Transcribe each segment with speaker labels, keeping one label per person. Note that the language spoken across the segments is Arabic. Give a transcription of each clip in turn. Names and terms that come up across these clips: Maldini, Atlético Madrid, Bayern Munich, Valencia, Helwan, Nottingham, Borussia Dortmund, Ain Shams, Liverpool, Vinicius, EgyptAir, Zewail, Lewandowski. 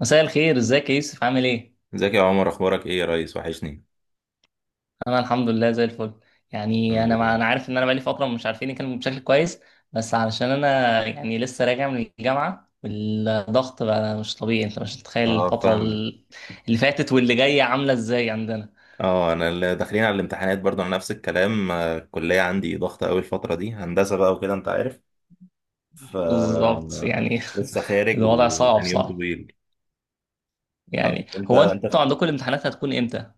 Speaker 1: مساء الخير. ازيك يا يوسف؟ عامل ايه؟
Speaker 2: ازيك يا عمر، اخبارك ايه يا ريس؟ وحشني.
Speaker 1: انا الحمد لله زي الفل. يعني
Speaker 2: الحمد لله.
Speaker 1: انا عارف ان انا بقالي فتره مش عارفين نتكلم بشكل كويس، بس علشان انا يعني لسه راجع من الجامعه والضغط بقى مش طبيعي. انت مش متخيل
Speaker 2: اه، فاهمك.
Speaker 1: اللي فاتت واللي جايه عامله ازاي عندنا.
Speaker 2: اه، انا اللي داخلين على الامتحانات برضو على نفس الكلام. آه، الكليه عندي ضغطه قوي الفتره دي، هندسه بقى وكده انت عارف. ف
Speaker 1: بالظبط يعني.
Speaker 2: لسه خارج
Speaker 1: الوضع صعب
Speaker 2: وكان يوم
Speaker 1: صعب.
Speaker 2: طويل.
Speaker 1: يعني
Speaker 2: انت
Speaker 1: هو
Speaker 2: انت
Speaker 1: انتوا
Speaker 2: في
Speaker 1: عندكم الامتحانات هتكون امتى؟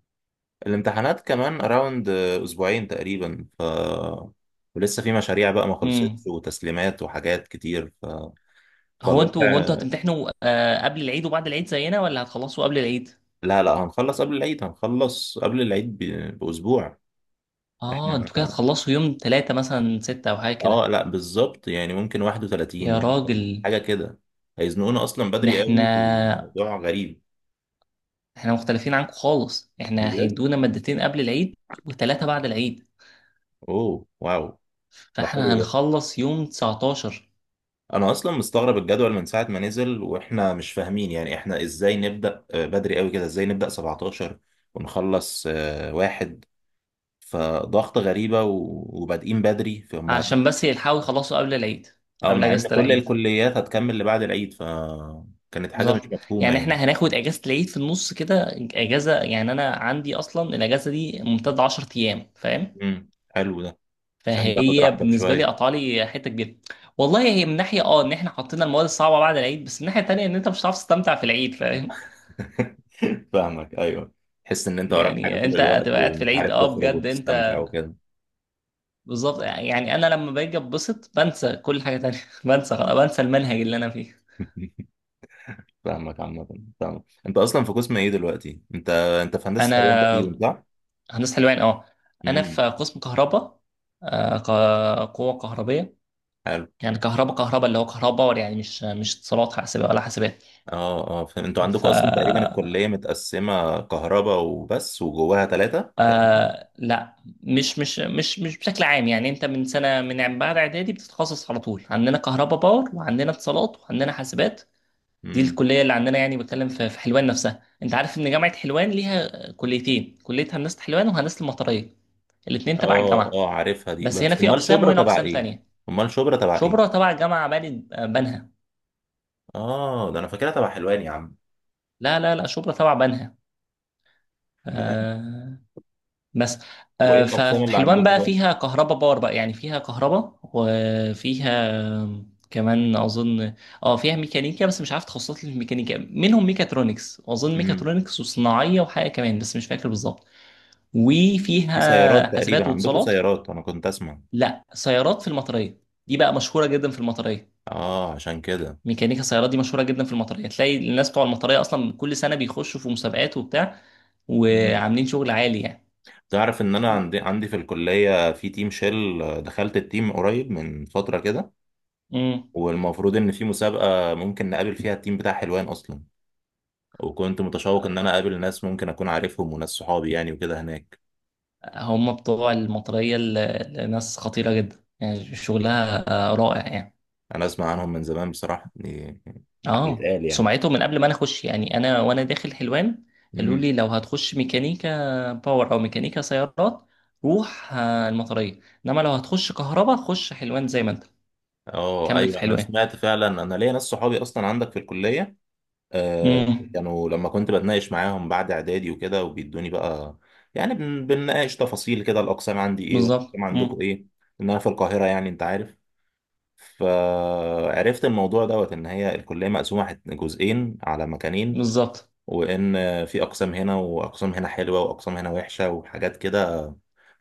Speaker 2: الامتحانات كمان اراوند اسبوعين تقريبا. ولسه في مشاريع بقى ما خلصتش
Speaker 1: امم
Speaker 2: وتسليمات وحاجات كتير.
Speaker 1: هو انتوا
Speaker 2: فالوضع.
Speaker 1: هو انتوا هتمتحنوا، قبل العيد وبعد العيد زينا ولا هتخلصوا قبل العيد؟
Speaker 2: لا لا، هنخلص قبل العيد، باسبوع.
Speaker 1: اه،
Speaker 2: احنا،
Speaker 1: انتوا كده هتخلصوا يوم ثلاثة، مثلا ستة او حاجة
Speaker 2: اه،
Speaker 1: كده.
Speaker 2: لا بالظبط يعني ممكن 31
Speaker 1: يا
Speaker 2: ممكن
Speaker 1: راجل،
Speaker 2: حاجه كده. هيزنقونا اصلا
Speaker 1: ده
Speaker 2: بدري
Speaker 1: احنا
Speaker 2: قوي، وموضوع غريب.
Speaker 1: احنا مختلفين عنكم خالص. احنا
Speaker 2: بجد؟
Speaker 1: هيدونا مادتين قبل العيد وثلاثة بعد العيد.
Speaker 2: اوه، واو. ده حلو
Speaker 1: فاحنا
Speaker 2: ده.
Speaker 1: هنخلص يوم 19،
Speaker 2: انا اصلا مستغرب الجدول من ساعه ما نزل، واحنا مش فاهمين يعني احنا ازاي نبدا آه، بدري قوي كده، ازاي نبدا 17 ونخلص آه، واحد. فضغط غريبه وبادئين بدري فما...
Speaker 1: علشان بس يلحقوا يخلصوا قبل العيد،
Speaker 2: اه،
Speaker 1: قبل
Speaker 2: مع ان
Speaker 1: اجازة
Speaker 2: كل
Speaker 1: العيد.
Speaker 2: الكليات هتكمل لبعد العيد، فكانت حاجه مش
Speaker 1: بالظبط.
Speaker 2: مفهومه
Speaker 1: يعني احنا
Speaker 2: يعني.
Speaker 1: هناخد اجازة العيد في النص كده. اجازة يعني انا عندي اصلا الاجازة دي ممتدة 10 ايام، فاهم؟
Speaker 2: امم، حلو ده. عشان تاخد
Speaker 1: فهي
Speaker 2: راحتك
Speaker 1: بالنسبة لي
Speaker 2: شويه.
Speaker 1: قطع لي حتة كبيرة. والله هي من ناحية ان احنا حطينا المواد الصعبة بعد العيد، بس من ناحية تانية ان انت مش هتعرف تستمتع في العيد، فاهم؟
Speaker 2: فاهمك، ايوه. تحس ان انت وراك حاجه
Speaker 1: يعني
Speaker 2: طول
Speaker 1: انت
Speaker 2: الوقت،
Speaker 1: هتبقى قاعد في
Speaker 2: ومش
Speaker 1: العيد،
Speaker 2: عارف تخرج
Speaker 1: بجد انت.
Speaker 2: وتستمتع وكده.
Speaker 1: بالظبط يعني. انا لما باجي اتبسط بنسى كل حاجه تانية. بنسى خلاص، بنسى المنهج اللي انا فيه.
Speaker 2: فاهمك عامه. فاهمك. انت اصلا في قسم ايه دلوقتي؟ انت في هندسه
Speaker 1: انا
Speaker 2: حلوان تقريبا، صح؟
Speaker 1: هندسه حلوان، اه. انا في
Speaker 2: امم،
Speaker 1: قسم كهرباء، قوه كهربيه.
Speaker 2: حلو.
Speaker 1: يعني كهرباء كهرباء اللي هو كهرباء، يعني مش اتصالات حاسبه ولا حاسبات.
Speaker 2: اه اه، فاهم. انتوا
Speaker 1: ف
Speaker 2: عندكم اصلا تقريبا الكليه متقسمه كهرباء وبس، وجواها ثلاثه تقريبا.
Speaker 1: لا، مش بشكل عام. يعني انت من سنه، من بعد اعدادي بتتخصص على طول. عندنا كهرباء باور، وعندنا اتصالات، وعندنا حاسبات. دي
Speaker 2: امم.
Speaker 1: الكليه اللي عندنا. يعني بتكلم في حلوان نفسها. انت عارف ان جامعه حلوان ليها كليتين، كليه هندسه حلوان وهندسه المطريه. الاتنين تبع
Speaker 2: اه
Speaker 1: الجامعه،
Speaker 2: اه، عارفها دي.
Speaker 1: بس هنا
Speaker 2: بس
Speaker 1: في
Speaker 2: امال
Speaker 1: اقسام
Speaker 2: شبرا
Speaker 1: وهنا
Speaker 2: تبع
Speaker 1: اقسام
Speaker 2: ايه؟
Speaker 1: تانية.
Speaker 2: امال شبرا تبع
Speaker 1: شبرا
Speaker 2: ايه؟
Speaker 1: تبع جامعه بني بنها.
Speaker 2: اه، ده انا فاكرها تبع حلوان يا عم.
Speaker 1: لا لا لا، شبرا تبع بنها.
Speaker 2: جامد.
Speaker 1: آه. بس.
Speaker 2: وايه الاقسام
Speaker 1: ففي
Speaker 2: اللي
Speaker 1: حلوان
Speaker 2: عندكم
Speaker 1: بقى فيها كهرباء باور بقى. يعني فيها كهرباء وفيها كمان اظن، اه، فيها ميكانيكا، بس مش عارف تخصصات الميكانيكا. منهم ميكاترونكس، واظن
Speaker 2: بقى؟
Speaker 1: ميكاترونكس وصناعيه وحاجه كمان بس مش فاكر بالظبط.
Speaker 2: في سيارات
Speaker 1: وفيها
Speaker 2: تقريبا
Speaker 1: حاسبات
Speaker 2: عندكم؟
Speaker 1: واتصالات.
Speaker 2: سيارات انا كنت اسمع.
Speaker 1: لا، سيارات في المطريه. دي بقى مشهوره جدا في المطريه.
Speaker 2: اه، عشان كده.
Speaker 1: ميكانيكا سيارات دي مشهوره جدا في المطريه. تلاقي الناس بتوع المطريه اصلا كل سنه بيخشوا في مسابقات وبتاع،
Speaker 2: مم.
Speaker 1: وعاملين شغل عالي يعني.
Speaker 2: تعرف ان انا عندي في الكلية في تيم شيل؟ آه، دخلت التيم قريب من فترة كده.
Speaker 1: امم.
Speaker 2: والمفروض ان في مسابقة ممكن نقابل فيها التيم بتاع حلوان اصلا. وكنت متشوق ان انا اقابل ناس ممكن اكون عارفهم، وناس صحابي يعني وكده هناك.
Speaker 1: هم بتوع المطريه ال- الناس خطيره جدا يعني شغلها، آه، رائع يعني.
Speaker 2: انا اسمع عنهم من زمان بصراحة يعني. حق
Speaker 1: اه،
Speaker 2: يتقال يعني.
Speaker 1: سمعته من قبل ما انا اخش. يعني انا وانا داخل حلوان قالوا
Speaker 2: امم.
Speaker 1: لي لو هتخش ميكانيكا باور او ميكانيكا سيارات روح المطريه، انما لو هتخش كهرباء خش حلوان زي ما انت
Speaker 2: اه
Speaker 1: كمل في
Speaker 2: ايوه، انا
Speaker 1: حلوان.
Speaker 2: سمعت فعلا. انا ليا ناس صحابي اصلا عندك في الكلية. آه،
Speaker 1: امم
Speaker 2: كانوا لما كنت بتناقش معاهم بعد اعدادي وكده وبيدوني بقى، يعني بنناقش تفاصيل كده، الاقسام عندي ايه
Speaker 1: بالظبط.
Speaker 2: والاقسام عندكم ايه. ان انا في القاهره يعني انت عارف. فعرفت الموضوع دوت ان هي الكليه مقسومه جزئين على مكانين.
Speaker 1: بالظبط.
Speaker 2: وان في اقسام هنا، واقسام هنا حلوه، واقسام هنا وحشه، وحاجات كده.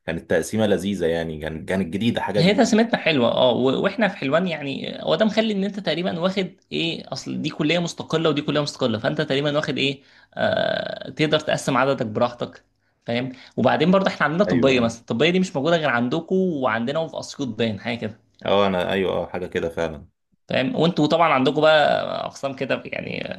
Speaker 2: كانت تقسيمه لذيذه يعني، كانت جديده، حاجه
Speaker 1: هي
Speaker 2: جديده.
Speaker 1: تسميتنا حلوه، واحنا في حلوان يعني. هو ده مخلي ان انت تقريبا واخد ايه، اصل دي كليه مستقله ودي كليه مستقله، فانت تقريبا واخد ايه، تقدر تقسم عددك براحتك، فاهم؟ وبعدين برضه احنا عندنا طبيه
Speaker 2: ايوه.
Speaker 1: مثلا. الطبيه دي مش موجوده غير عندكم وعندنا وفي اسيوط باين، حاجه كده.
Speaker 2: اه، انا، ايوه، اه، حاجه كده فعلا.
Speaker 1: فاهم. وانتوا طبعا عندكم بقى اقسام كده يعني،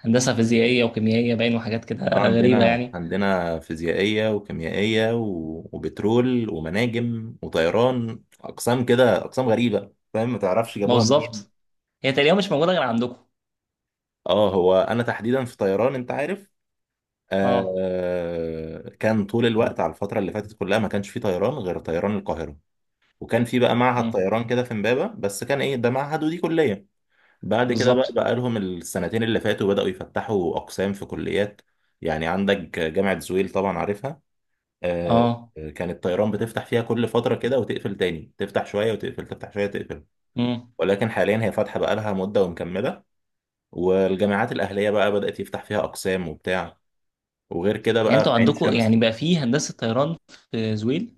Speaker 1: هندسه فيزيائيه وكيميائيه باين وحاجات كده
Speaker 2: اه،
Speaker 1: غريبه
Speaker 2: عندنا
Speaker 1: يعني.
Speaker 2: عندنا فيزيائية وكيميائية وبترول ومناجم وطيران، أقسام كده، أقسام غريبة فاهم، ما تعرفش
Speaker 1: ما
Speaker 2: جابوها
Speaker 1: بالظبط،
Speaker 2: منين.
Speaker 1: هي تقريبا مش موجوده غير عندكم.
Speaker 2: اه، هو أنا تحديدا في طيران أنت عارف.
Speaker 1: اه.
Speaker 2: آه، كان طول الوقت على الفترة اللي فاتت كلها ما كانش في طيران غير طيران القاهرة. وكان في بقى معهد
Speaker 1: امم.
Speaker 2: طيران كده في إمبابة، بس كان إيه ده؟ معهد، ودي كلية. بعد كده بقى
Speaker 1: بالظبط.
Speaker 2: بقى لهم السنتين اللي فاتوا بدأوا يفتحوا أقسام في كليات. يعني عندك جامعة زويل طبعا عارفها. آه،
Speaker 1: اه.
Speaker 2: كان الطيران بتفتح فيها كل فترة كده وتقفل تاني، تفتح شوية وتقفل، تفتح شوية تقفل. ولكن حاليا هي فاتحة بقالها مدة ومكملة. والجامعات الأهلية بقى بدأت يفتح فيها أقسام وبتاع. وغير كده
Speaker 1: يعني
Speaker 2: بقى في
Speaker 1: انتوا
Speaker 2: عين
Speaker 1: عندكم يعني
Speaker 2: شمس.
Speaker 1: بقى فيه هندسة طيران في زويل.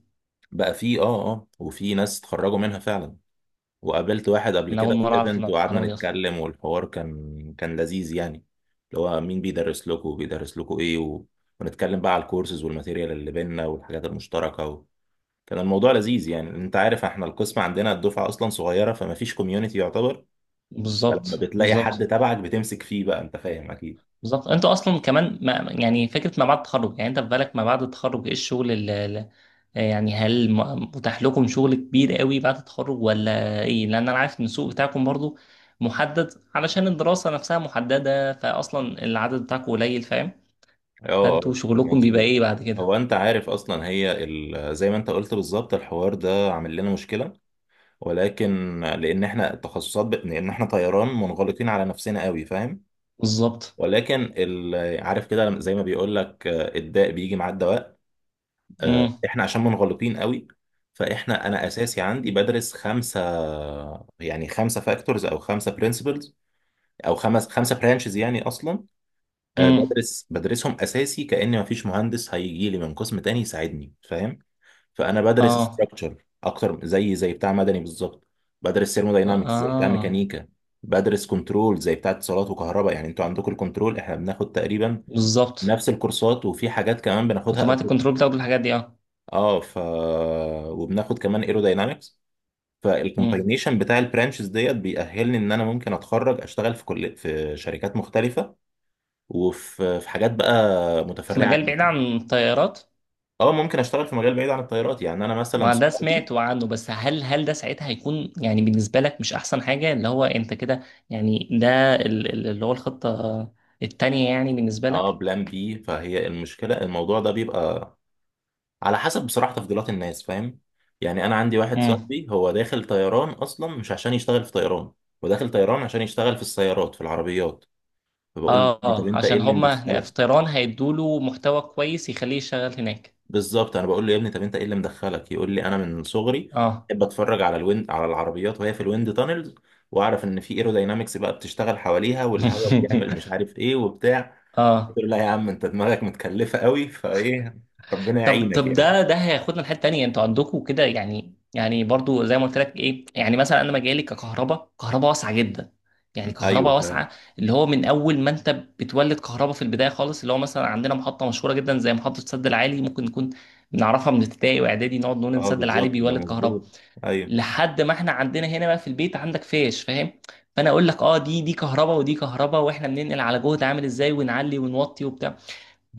Speaker 2: بقى في وفي ناس اتخرجوا منها فعلا. وقابلت واحد قبل
Speaker 1: انا اول
Speaker 2: كده في
Speaker 1: مرة اعرف
Speaker 2: ايفنت، وقعدنا
Speaker 1: المعلومة دي اصلا.
Speaker 2: نتكلم، والحوار كان لذيذ يعني. اللي هو مين بيدرس لكم وبيدرس لكم ايه و... ونتكلم بقى على الكورسز والماتيريال اللي بينا والحاجات المشتركة. كان الموضوع لذيذ يعني. انت عارف احنا القسم عندنا الدفعه اصلا صغيره، فما فيش كوميونتي يعتبر. فلما
Speaker 1: بالظبط،
Speaker 2: بتلاقي حد
Speaker 1: بالظبط،
Speaker 2: تبعك بتمسك فيه بقى، انت فاهم اكيد.
Speaker 1: بالظبط. انتوا اصلا كمان، ما يعني فكرة ما بعد التخرج، يعني انت في بالك ما بعد التخرج ايه الشغل اللي، يعني هل متاح لكم شغل كبير قوي بعد التخرج ولا ايه؟ لان انا عارف ان السوق بتاعكم برضو محدد، علشان الدراسة نفسها محددة، فاصلا العدد بتاعكم قليل، فاهم؟
Speaker 2: اه
Speaker 1: فانتوا
Speaker 2: اه، آه،
Speaker 1: شغلكم بيبقى
Speaker 2: مظبوط.
Speaker 1: ايه بعد كده؟
Speaker 2: هو انت عارف اصلا هي زي ما انت قلت بالظبط، الحوار ده عامل لنا مشكله. ولكن لان احنا التخصصات لان احنا طيران منغلقين على نفسنا قوي فاهم.
Speaker 1: بالظبط.
Speaker 2: ولكن عارف كده زي ما بيقول لك الداء بيجي مع الدواء. آه،
Speaker 1: امم.
Speaker 2: احنا عشان منغلطين قوي. فاحنا، انا اساسي عندي بدرس خمسه، يعني خمسه فاكتورز او خمسه برنسبلز او خمسه برانشز يعني اصلا. آه،
Speaker 1: امم.
Speaker 2: بدرسهم اساسي، كأن مفيش مهندس هيجي لي من قسم تاني يساعدني فاهم. فانا بدرس
Speaker 1: اه.
Speaker 2: ستراكشر اكتر، زي بتاع مدني بالظبط. بدرس
Speaker 1: اه.
Speaker 2: ثيرموداينامكس زي بتاع
Speaker 1: آه.
Speaker 2: ميكانيكا. بدرس كنترول زي بتاع اتصالات وكهرباء، يعني انتوا عندكم الكنترول، احنا بناخد تقريبا
Speaker 1: بالظبط.
Speaker 2: نفس الكورسات، وفي حاجات كمان بناخدها.
Speaker 1: اوتوماتيك كنترول، بتاخد الحاجات دي، اه.
Speaker 2: اه. وبناخد كمان ايروداينامكس.
Speaker 1: امم.
Speaker 2: فالكومباينيشن بتاع البرانشز ديت بيأهلني ان انا ممكن اتخرج اشتغل في كل في شركات مختلفه. وفي حاجات بقى
Speaker 1: في
Speaker 2: متفرعه
Speaker 1: مجال بعيد
Speaker 2: جدا.
Speaker 1: عن الطيارات.
Speaker 2: اه، ممكن اشتغل في مجال بعيد عن الطيارات، يعني انا مثلا
Speaker 1: ما ده
Speaker 2: صحابي.
Speaker 1: سمعت عنه. بس هل ده ساعتها هيكون يعني بالنسبة لك مش أحسن حاجة، اللي هو أنت كده، يعني ده اللي هو الخطة التانية يعني بالنسبة
Speaker 2: اه،
Speaker 1: لك؟
Speaker 2: بلان بي، فهي المشكله. الموضوع ده بيبقى على حسب بصراحه تفضيلات الناس فاهم. يعني انا عندي واحد
Speaker 1: امم.
Speaker 2: صاحبي هو داخل طيران اصلا مش عشان يشتغل في طيران. هو داخل طيران عشان يشتغل في السيارات، في العربيات. فبقول
Speaker 1: اه،
Speaker 2: له طب
Speaker 1: اه،
Speaker 2: انت ايه
Speaker 1: عشان
Speaker 2: اللي
Speaker 1: هما هنا في
Speaker 2: مدخلك.
Speaker 1: طيران هيدوله محتوى كويس يخليه يشتغل هناك.
Speaker 2: بالظبط انا بقول له يا ابني، طب انت ايه اللي مدخلك، يقول لي انا من صغري
Speaker 1: اه.
Speaker 2: بحب اتفرج على الويند، على العربيات وهي في الويند تانلز، واعرف ان في ايروداينامكس بقى بتشتغل حواليها، والهواء بيعمل مش عارف ايه وبتاع. قلت
Speaker 1: اه.
Speaker 2: له لا يا عم، انت دماغك متكلفه قوي فايه. ربنا
Speaker 1: طب،
Speaker 2: يعينك
Speaker 1: طب،
Speaker 2: يعني.
Speaker 1: ده هياخدنا لحته تانيه. انتوا عندكم كده يعني برضو زي ما قلت لك، ايه يعني، مثلا انا مجالي ككهرباء، كهرباء واسعه جدا. يعني
Speaker 2: م، ايوه
Speaker 1: كهرباء
Speaker 2: فعلا.
Speaker 1: واسعه، اللي هو من اول ما انت بتولد كهرباء في البدايه خالص، اللي هو مثلا عندنا محطه مشهوره جدا زي محطه السد العالي، ممكن نكون بنعرفها من ابتدائي واعدادي، نقعد نقول ان
Speaker 2: اه
Speaker 1: السد العالي
Speaker 2: بالظبط، ده
Speaker 1: بيولد كهرباء،
Speaker 2: مظبوط. ايوه
Speaker 1: لحد ما احنا عندنا هنا بقى في البيت عندك فيش، فاهم؟ فانا اقول لك، دي كهرباء ودي كهرباء. واحنا بننقل على جهد عامل ازاي، ونعلي ونوطي وبتاع،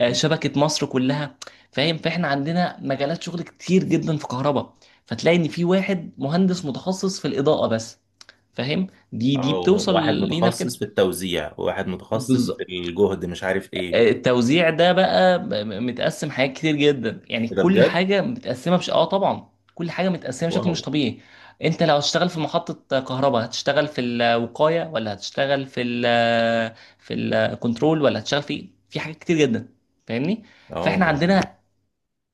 Speaker 1: شبكة مصر كلها، فاهم؟ فاحنا عندنا مجالات شغل كتير جدا في كهرباء. فتلاقي ان في واحد مهندس متخصص في الإضاءة بس، فاهم. دي
Speaker 2: اه،
Speaker 1: بتوصل
Speaker 2: واحد
Speaker 1: لينا في كده.
Speaker 2: متخصص في التوزيع، وواحد متخصص في
Speaker 1: بالظبط.
Speaker 2: الجهد مش عارف ايه.
Speaker 1: التوزيع ده بقى متقسم حاجات كتير جدا. يعني
Speaker 2: إيه ده
Speaker 1: كل
Speaker 2: بجد؟
Speaker 1: حاجة متقسمة بش... اه طبعا، كل حاجة متقسمة بشكل
Speaker 2: واو.
Speaker 1: مش طبيعي. انت لو هتشتغل في محطة كهرباء هتشتغل في الوقاية، ولا هتشتغل في ال، في الكنترول، ولا هتشتغل في إيه؟ في حاجات كتير جدا، فاهمني.
Speaker 2: اه،
Speaker 1: فاحنا
Speaker 2: جميل.
Speaker 1: عندنا،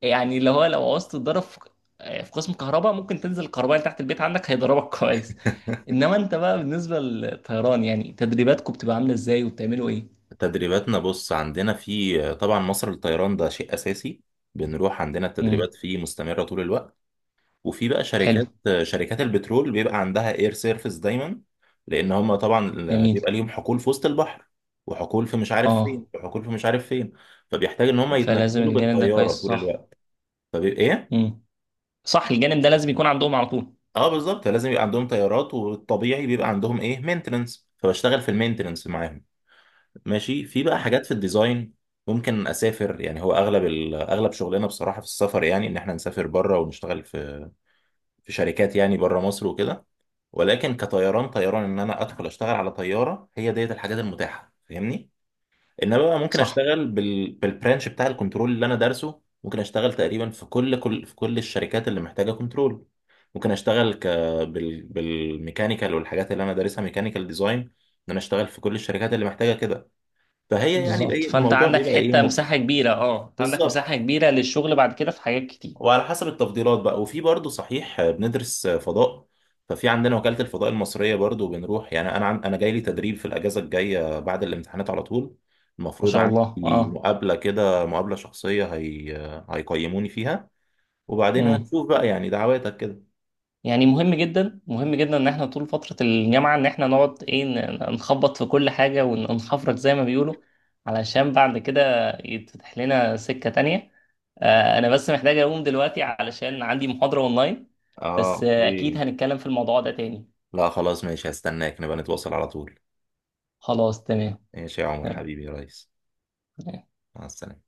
Speaker 1: يعني اللي هو لو عوزت تتدرب في، في قسم كهرباء ممكن تنزل الكهربائي تحت البيت عندك هيضربك. كويس. انما انت بقى بالنسبه للطيران، يعني تدريباتكم بتبقى عامله ازاي وبتعملوا ايه؟
Speaker 2: تدريباتنا، بص، عندنا في طبعا مصر للطيران ده شيء اساسي. بنروح عندنا،
Speaker 1: امم.
Speaker 2: التدريبات فيه مستمره طول الوقت. وفي بقى
Speaker 1: حلو.
Speaker 2: شركات، شركات البترول بيبقى عندها اير سيرفيس دايما، لان هم طبعا
Speaker 1: جميل.
Speaker 2: بيبقى ليهم حقول في وسط البحر، وحقول في مش عارف
Speaker 1: اه.
Speaker 2: فين، وحقول في مش عارف فين. فبيحتاج ان هم
Speaker 1: فلازم
Speaker 2: يتنقلوا
Speaker 1: الجانب ده كويس،
Speaker 2: بالطياره طول
Speaker 1: صح؟
Speaker 2: الوقت. فبيبقى ايه.
Speaker 1: امم، صح. الجانب ده لازم يكون عندهم على طول.
Speaker 2: اه بالظبط، لازم يبقى عندهم طيارات، والطبيعي بيبقى عندهم ايه، مينتننس، فبشتغل في المينتننس معاهم. ماشي. في بقى
Speaker 1: آه،
Speaker 2: حاجات في الديزاين. ممكن اسافر، يعني هو اغلب اغلب شغلنا بصراحه في السفر، يعني ان احنا نسافر بره ونشتغل في شركات يعني بره مصر وكده. ولكن كطيران طيران، ان انا ادخل اشتغل على طياره، هي ديت الحاجات المتاحه فاهمني. انما بقى ممكن
Speaker 1: صح،
Speaker 2: اشتغل بالبرانش بتاع الكنترول اللي انا دارسه، ممكن اشتغل تقريبا في كل الشركات اللي محتاجه كنترول. ممكن اشتغل ك بال بالميكانيكال والحاجات اللي انا دارسها، ميكانيكال ديزاين، ان انا اشتغل في كل الشركات اللي محتاجه كده. فهي يعني بقى
Speaker 1: بالظبط. فانت
Speaker 2: الموضوع
Speaker 1: عندك
Speaker 2: بيبقى ايه
Speaker 1: حته مساحه كبيره، انت عندك
Speaker 2: بالظبط.
Speaker 1: مساحه كبيره للشغل بعد كده في حاجات كتير.
Speaker 2: وعلى حسب التفضيلات بقى، وفي برضه صحيح. آه، بندرس آه، فضاء. ففي عندنا وكالة الفضاء المصرية برضه بنروح. يعني انا انا جاي لي تدريب في الاجازة الجاية بعد الامتحانات على طول.
Speaker 1: ما
Speaker 2: المفروض
Speaker 1: شاء الله.
Speaker 2: عندي
Speaker 1: اه.
Speaker 2: مقابلة كده، مقابلة شخصية، هي آه، هيقيموني فيها. وبعدين
Speaker 1: مم.
Speaker 2: هنشوف بقى يعني، دعواتك كده.
Speaker 1: يعني مهم جدا، مهم جدا ان احنا طول فترة الجامعة ان احنا نقعد، ايه، نخبط في كل حاجة، وننخفرك زي ما بيقولوا، علشان بعد كده يتفتح لنا سكة تانية. انا بس محتاج اقوم دلوقتي علشان عندي محاضرة اونلاين.
Speaker 2: اه،
Speaker 1: بس، اكيد
Speaker 2: اوكي.
Speaker 1: هنتكلم في الموضوع ده تاني.
Speaker 2: لا خلاص، ماشي، هستناك، نبقى نتواصل على طول.
Speaker 1: خلاص. تمام.
Speaker 2: ماشي يا عمر حبيبي يا ريس.
Speaker 1: تمام.
Speaker 2: مع السلامة.